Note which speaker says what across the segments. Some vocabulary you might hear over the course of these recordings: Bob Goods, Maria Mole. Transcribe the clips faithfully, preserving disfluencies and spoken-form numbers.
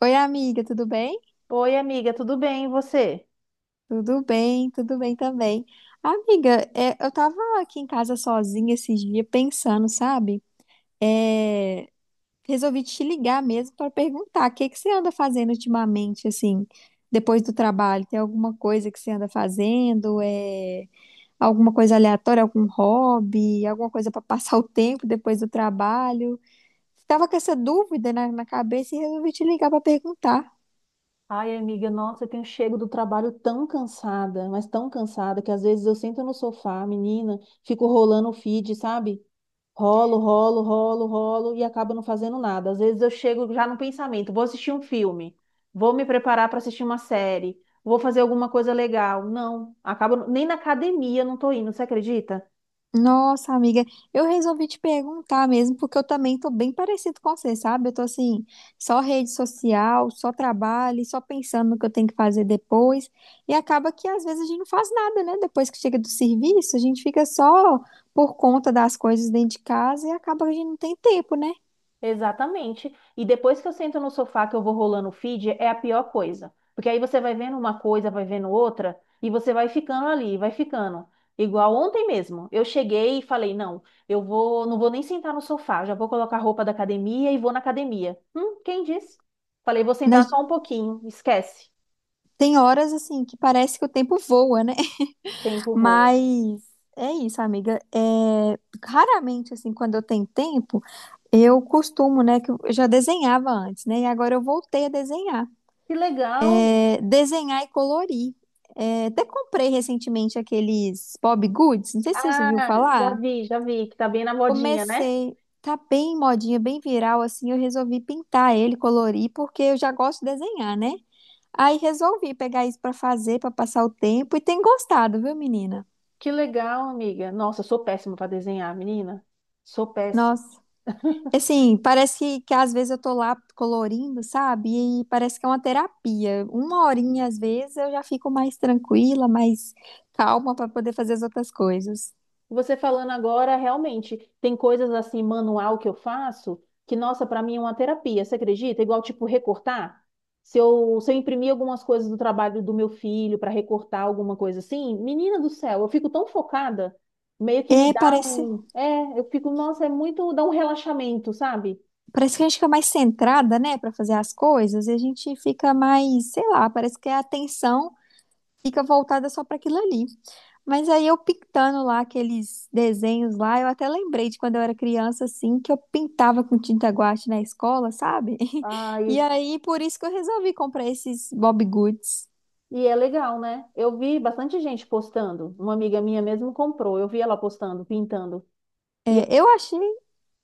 Speaker 1: Oi, amiga, tudo bem?
Speaker 2: Oi, amiga, tudo bem? E você?
Speaker 1: Tudo bem, tudo bem também. Amiga, é, eu tava aqui em casa sozinha esses dias pensando, sabe? É, resolvi te ligar mesmo para perguntar o que que você anda fazendo ultimamente, assim, depois do trabalho. Tem alguma coisa que você anda fazendo? É, alguma coisa aleatória, algum hobby, alguma coisa para passar o tempo depois do trabalho? Tava com essa dúvida na, na cabeça e resolvi te ligar para perguntar.
Speaker 2: Ai, amiga, nossa, eu tenho chego do trabalho tão cansada, mas tão cansada, que às vezes eu sento no sofá, menina, fico rolando o feed, sabe? Rolo, rolo, rolo, rolo e acabo não fazendo nada. Às vezes eu chego já no pensamento, vou assistir um filme, vou me preparar para assistir uma série, vou fazer alguma coisa legal. Não, acabo nem na academia eu não tô indo, você acredita?
Speaker 1: Nossa, amiga, eu resolvi te perguntar mesmo, porque eu também tô bem parecido com você, sabe? Eu tô assim, só rede social, só trabalho, só pensando no que eu tenho que fazer depois, e acaba que às vezes a gente não faz nada, né? Depois que chega do serviço, a gente fica só por conta das coisas dentro de casa e acaba que a gente não tem tempo, né?
Speaker 2: Exatamente. E depois que eu sento no sofá que eu vou rolando o feed, é a pior coisa. Porque aí você vai vendo uma coisa, vai vendo outra, e você vai ficando ali, vai ficando. Igual ontem mesmo. Eu cheguei e falei, não, eu vou, não vou nem sentar no sofá, já vou colocar a roupa da academia e vou na academia. Hum, quem disse? Falei, vou sentar
Speaker 1: Nas-
Speaker 2: só um pouquinho, esquece.
Speaker 1: Tem horas assim que parece que o tempo voa, né?
Speaker 2: Tempo voa.
Speaker 1: Mas é isso, amiga. É... Raramente, assim, quando eu tenho tempo. Eu costumo, né, que eu já desenhava antes, né, e agora eu voltei a desenhar.
Speaker 2: Que legal.
Speaker 1: É, desenhar e colorir. É, até comprei recentemente aqueles Bob Goods, não sei se você viu
Speaker 2: Ah, já
Speaker 1: falar.
Speaker 2: vi, já vi, que tá bem na modinha, né?
Speaker 1: Comecei, tá bem modinha, bem viral, assim, eu resolvi pintar ele, colorir, porque eu já gosto de desenhar, né? Aí resolvi pegar isso pra fazer, pra passar o tempo, e tem gostado, viu, menina?
Speaker 2: Que legal, amiga. Nossa, eu sou péssima para desenhar, menina. Sou péssima.
Speaker 1: Nossa. Assim, parece que, que às vezes eu tô lá colorindo, sabe? E parece que é uma terapia. Uma horinha, às vezes, eu já fico mais tranquila, mais calma para poder fazer as outras coisas.
Speaker 2: Você falando agora, realmente, tem coisas assim, manual que eu faço, que, nossa, para mim é uma terapia, você acredita? Igual, tipo, recortar. Se eu, se eu imprimir algumas coisas do trabalho do meu filho para recortar alguma coisa assim, menina do céu, eu fico tão focada, meio que
Speaker 1: É,
Speaker 2: me dá
Speaker 1: parece,
Speaker 2: um. É, eu fico, nossa, é muito. Dá um relaxamento, sabe?
Speaker 1: parece que a gente fica mais centrada, né, para fazer as coisas, e a gente fica mais, sei lá, parece que a atenção fica voltada só para aquilo ali. Mas aí eu pintando lá aqueles desenhos lá, eu até lembrei de quando eu era criança, assim, que eu pintava com tinta guache na escola, sabe?
Speaker 2: Ai,
Speaker 1: E aí, por isso que eu resolvi comprar esses Bob Goods.
Speaker 2: e é legal, né? Eu vi bastante gente postando. Uma amiga minha mesmo comprou, eu vi ela postando, pintando. E
Speaker 1: É, eu achei,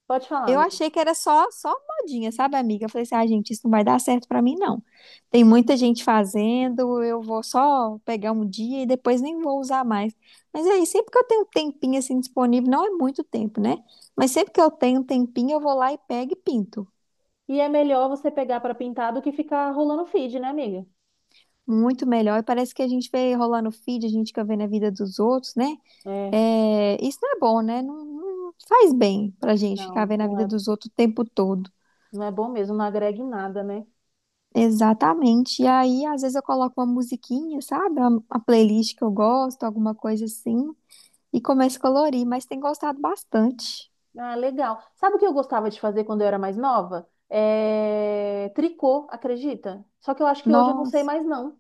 Speaker 2: pode falar,
Speaker 1: eu
Speaker 2: amiga.
Speaker 1: achei que era só, só modinha, sabe, amiga? Eu falei assim, ah, gente, isso não vai dar certo pra mim, não. Tem muita gente fazendo, eu vou só pegar um dia e depois nem vou usar mais. Mas aí, sempre que eu tenho um tempinho assim disponível, não é muito tempo, né? Mas sempre que eu tenho um tempinho, eu vou lá e pego e pinto.
Speaker 2: E é melhor você pegar para pintar do que ficar rolando feed, né, amiga?
Speaker 1: Muito melhor. E parece que a gente vê rolar no feed, a gente fica vendo a vida dos outros, né?
Speaker 2: É,
Speaker 1: É, isso não é bom, né? Não, não faz bem pra gente ficar
Speaker 2: não,
Speaker 1: vendo a
Speaker 2: não
Speaker 1: vida
Speaker 2: é,
Speaker 1: dos outros o tempo todo.
Speaker 2: não é bom mesmo, não agrega em nada, né?
Speaker 1: Exatamente. E aí, às vezes, eu coloco uma musiquinha, sabe? Uma, uma playlist que eu gosto, alguma coisa assim, e começo a colorir, mas tem gostado bastante.
Speaker 2: Ah, legal. Sabe o que eu gostava de fazer quando eu era mais nova? É... Tricô, acredita? Só que eu acho que hoje eu não sei
Speaker 1: Nossa.
Speaker 2: mais, não.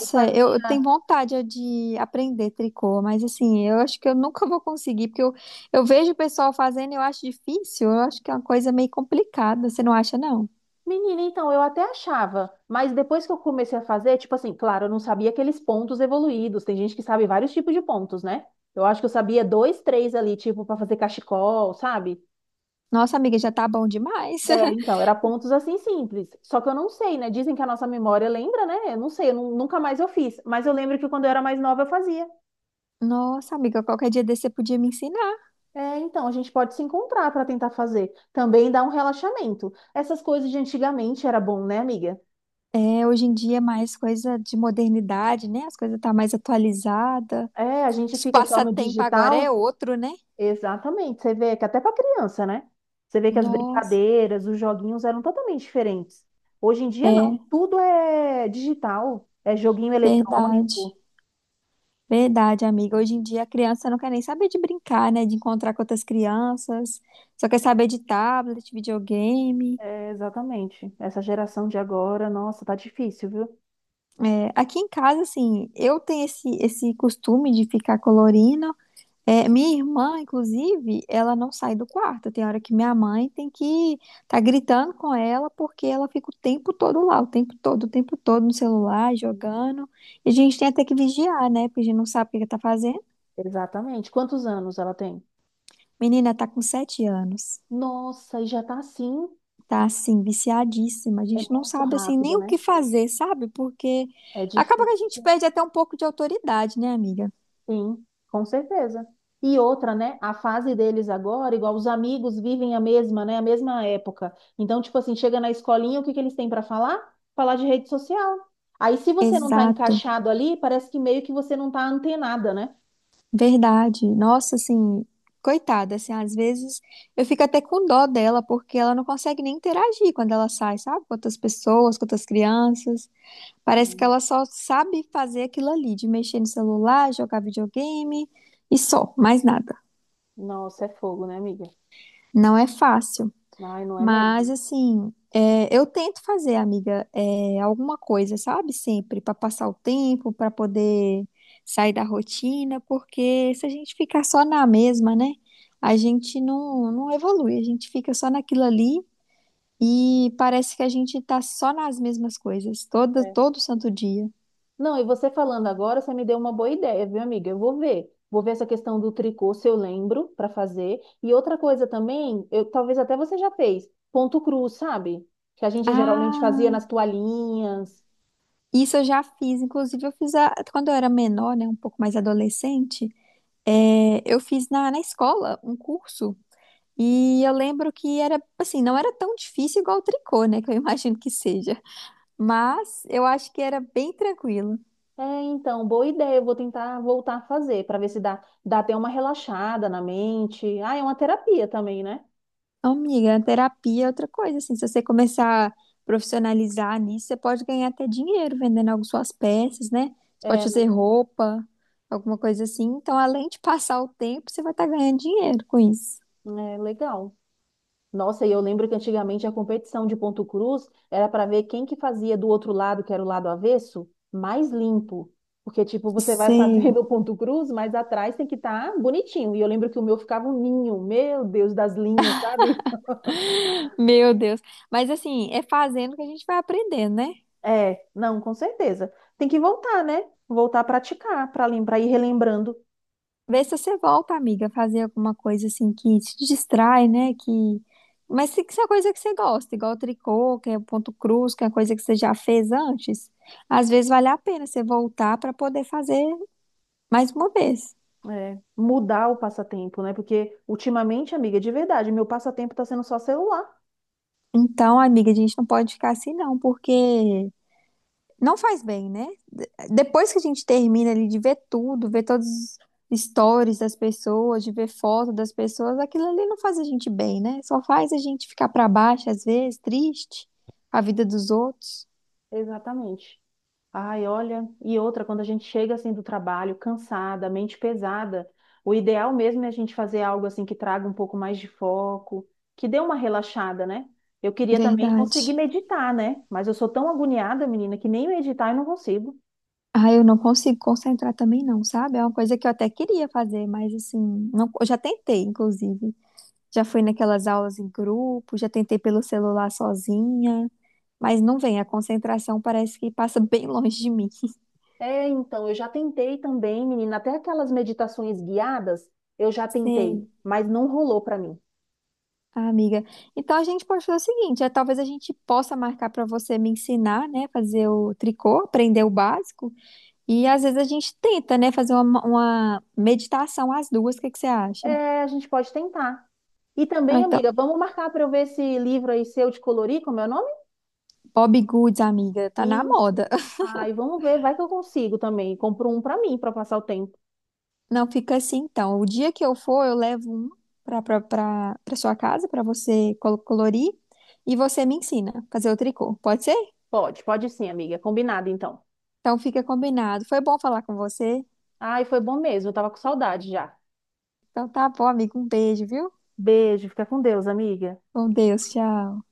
Speaker 2: Eu
Speaker 1: eu eu
Speaker 2: fazia.
Speaker 1: tenho vontade é de aprender tricô, mas assim, eu acho que eu nunca vou conseguir, porque eu, eu vejo o pessoal fazendo e eu acho difícil, eu acho que é uma coisa meio complicada, você não acha, não?
Speaker 2: Menina, então, eu até achava, mas depois que eu comecei a fazer, tipo assim, claro, eu não sabia aqueles pontos evoluídos. Tem gente que sabe vários tipos de pontos, né? Eu acho que eu sabia dois, três ali, tipo, para fazer cachecol, sabe?
Speaker 1: Nossa, amiga, já tá bom demais.
Speaker 2: É, então, era pontos assim simples. Só que eu não sei, né? Dizem que a nossa memória lembra, né? Eu não sei, eu nu- nunca mais eu fiz. Mas eu lembro que quando eu era mais nova eu fazia.
Speaker 1: Nossa, amiga, qualquer dia desse você podia me ensinar.
Speaker 2: É, então, a gente pode se encontrar para tentar fazer. Também dá um relaxamento. Essas coisas de antigamente era bom, né, amiga?
Speaker 1: É, hoje em dia é mais coisa de modernidade, né? As coisas tá mais atualizada.
Speaker 2: É, a gente
Speaker 1: Os
Speaker 2: fica só no
Speaker 1: passatempo agora é
Speaker 2: digital.
Speaker 1: outro, né?
Speaker 2: Exatamente. Você vê que até para criança, né? Você vê que as
Speaker 1: Nossa,
Speaker 2: brincadeiras, os joguinhos eram totalmente diferentes. Hoje em dia, não.
Speaker 1: é
Speaker 2: Tudo é digital. É joguinho
Speaker 1: verdade.
Speaker 2: eletrônico.
Speaker 1: Verdade, amiga. Hoje em dia a criança não quer nem saber de brincar, né? De encontrar com outras crianças, só quer saber de tablet, videogame.
Speaker 2: É, exatamente. Essa geração de agora, nossa, tá difícil, viu?
Speaker 1: É, aqui em casa, assim, eu tenho esse, esse costume de ficar colorindo. É, minha irmã, inclusive, ela não sai do quarto. Tem hora que minha mãe tem que tá gritando com ela porque ela fica o tempo todo lá, o tempo todo, o tempo todo no celular, jogando. E a gente tem até que vigiar, né? Porque a gente não sabe o que que tá fazendo.
Speaker 2: Exatamente. Quantos anos ela tem?
Speaker 1: Menina tá com sete anos.
Speaker 2: Nossa, e já tá assim.
Speaker 1: Tá assim, viciadíssima. A
Speaker 2: É
Speaker 1: gente não
Speaker 2: muito
Speaker 1: sabe assim
Speaker 2: rápido,
Speaker 1: nem o
Speaker 2: né?
Speaker 1: que fazer, sabe? Porque
Speaker 2: É
Speaker 1: acaba
Speaker 2: difícil.
Speaker 1: que a gente perde até um pouco de autoridade, né, amiga?
Speaker 2: Sim, com certeza. E outra, né? A fase deles agora, igual os amigos vivem a mesma, né? A mesma época. Então, tipo assim, chega na escolinha, o que que eles têm para falar? Falar de rede social. Aí, se você não tá
Speaker 1: Exato,
Speaker 2: encaixado ali, parece que meio que você não tá antenada, né?
Speaker 1: verdade. Nossa, assim, coitada, assim, às vezes eu fico até com dó dela, porque ela não consegue nem interagir quando ela sai, sabe? Com outras pessoas, com outras crianças. Parece que
Speaker 2: Hum.
Speaker 1: ela só sabe fazer aquilo ali, de mexer no celular, jogar videogame e só, mais nada.
Speaker 2: Nossa, é fogo, né, amiga?
Speaker 1: Não é fácil.
Speaker 2: Ai, não é
Speaker 1: Mas
Speaker 2: mesmo?
Speaker 1: assim, é, eu tento fazer, amiga, é, alguma coisa, sabe? Sempre para passar o tempo, para poder sair da rotina, porque se a gente ficar só na mesma, né? A gente não, não evolui, a gente fica só naquilo ali e parece que a gente tá só nas mesmas coisas, todo,
Speaker 2: É.
Speaker 1: todo santo dia.
Speaker 2: Não, e você falando agora, você me deu uma boa ideia, viu, amiga? Eu vou ver. Vou ver essa questão do tricô, se eu lembro, para fazer. E outra coisa também, eu, talvez até você já fez, ponto cruz, sabe? Que a gente geralmente fazia
Speaker 1: Ah,
Speaker 2: nas toalhinhas.
Speaker 1: isso eu já fiz, inclusive eu fiz a- quando eu era menor, né? Um pouco mais adolescente, é, eu fiz na, na escola um curso. E eu lembro que era, assim, não era tão difícil igual o tricô, né? Que eu imagino que seja. Mas eu acho que era bem tranquilo.
Speaker 2: É, então, boa ideia. Eu vou tentar voltar a fazer, para ver se dá, dá até uma relaxada na mente. Ah, é uma terapia também, né?
Speaker 1: Amiga, terapia é outra coisa, assim. Se você começar a profissionalizar nisso, você pode ganhar até dinheiro vendendo algumas suas peças, né? Você pode fazer
Speaker 2: É,
Speaker 1: roupa, alguma coisa assim. Então, além de passar o tempo, você vai estar ganhando dinheiro com isso.
Speaker 2: é legal. Nossa, e eu lembro que antigamente a competição de ponto cruz era para ver quem que fazia do outro lado, que era o lado avesso, mais limpo. Porque, tipo, você vai
Speaker 1: Sei.
Speaker 2: fazendo o ponto cruz, mas atrás tem que estar bonitinho. E eu lembro que o meu ficava um ninho, meu Deus, das linhas, sabe?
Speaker 1: Meu Deus. Mas, assim, é fazendo que a gente vai aprendendo, né?
Speaker 2: É, não, com certeza. Tem que voltar, né? Voltar a praticar, para lembrar, ir relembrando.
Speaker 1: Vê se você volta, amiga, a fazer alguma coisa assim que te distrai, né? Que... Mas se se é coisa que você gosta, igual tricô, que é o ponto cruz, que é coisa que você já fez antes, às vezes vale a pena você voltar para poder fazer mais uma vez.
Speaker 2: É, mudar o passatempo, né? Porque ultimamente, amiga, de verdade, meu passatempo está sendo só celular.
Speaker 1: Então, amiga, a gente não pode ficar assim, não, porque não faz bem, né? De- Depois que a gente termina ali de ver tudo, ver todos os stories das pessoas, de ver foto das pessoas, aquilo ali não faz a gente bem, né? Só faz a gente ficar pra baixo às vezes, triste, a vida dos outros.
Speaker 2: Exatamente. Ai, olha, e outra, quando a gente chega assim do trabalho, cansada, mente pesada, o ideal mesmo é a gente fazer algo assim que traga um pouco mais de foco, que dê uma relaxada, né? Eu queria também conseguir
Speaker 1: Verdade.
Speaker 2: meditar, né? Mas eu sou tão agoniada, menina, que nem meditar eu não consigo.
Speaker 1: Ah, eu não consigo concentrar também não, sabe? É uma coisa que eu até queria fazer, mas assim, não, eu já tentei, inclusive. Já fui naquelas aulas em grupo, já tentei pelo celular sozinha, mas não vem, a concentração parece que passa bem longe de mim.
Speaker 2: É, então, eu já tentei também, menina, até aquelas meditações guiadas, eu já tentei,
Speaker 1: Sei.
Speaker 2: mas não rolou pra mim.
Speaker 1: Ah, amiga. Então a gente pode fazer o seguinte, é, talvez a gente possa marcar para você me ensinar, né, fazer o tricô, aprender o básico, e às vezes a gente tenta, né, fazer uma, uma meditação às duas, o que que você acha?
Speaker 2: É, a gente pode tentar. E
Speaker 1: Ah,
Speaker 2: também,
Speaker 1: então,
Speaker 2: amiga, vamos marcar para eu ver esse livro aí seu de colorir, como é o nome?
Speaker 1: Bob Goods, amiga, tá na
Speaker 2: Isso.
Speaker 1: moda.
Speaker 2: Ai, vamos ver, vai que eu consigo também. Compro um pra mim, pra passar o tempo.
Speaker 1: Não fica assim, então. O dia que eu for, eu levo um para para para sua casa para você col- colorir e você me ensina a fazer o tricô. Pode ser?
Speaker 2: Pode, pode sim, amiga. Combinado, então.
Speaker 1: Então fica combinado. Foi bom falar com você.
Speaker 2: Ai, foi bom mesmo, eu tava com saudade já.
Speaker 1: Então tá bom, amigo, um beijo, viu?
Speaker 2: Beijo, fica com Deus, amiga.
Speaker 1: Com Deus, tchau.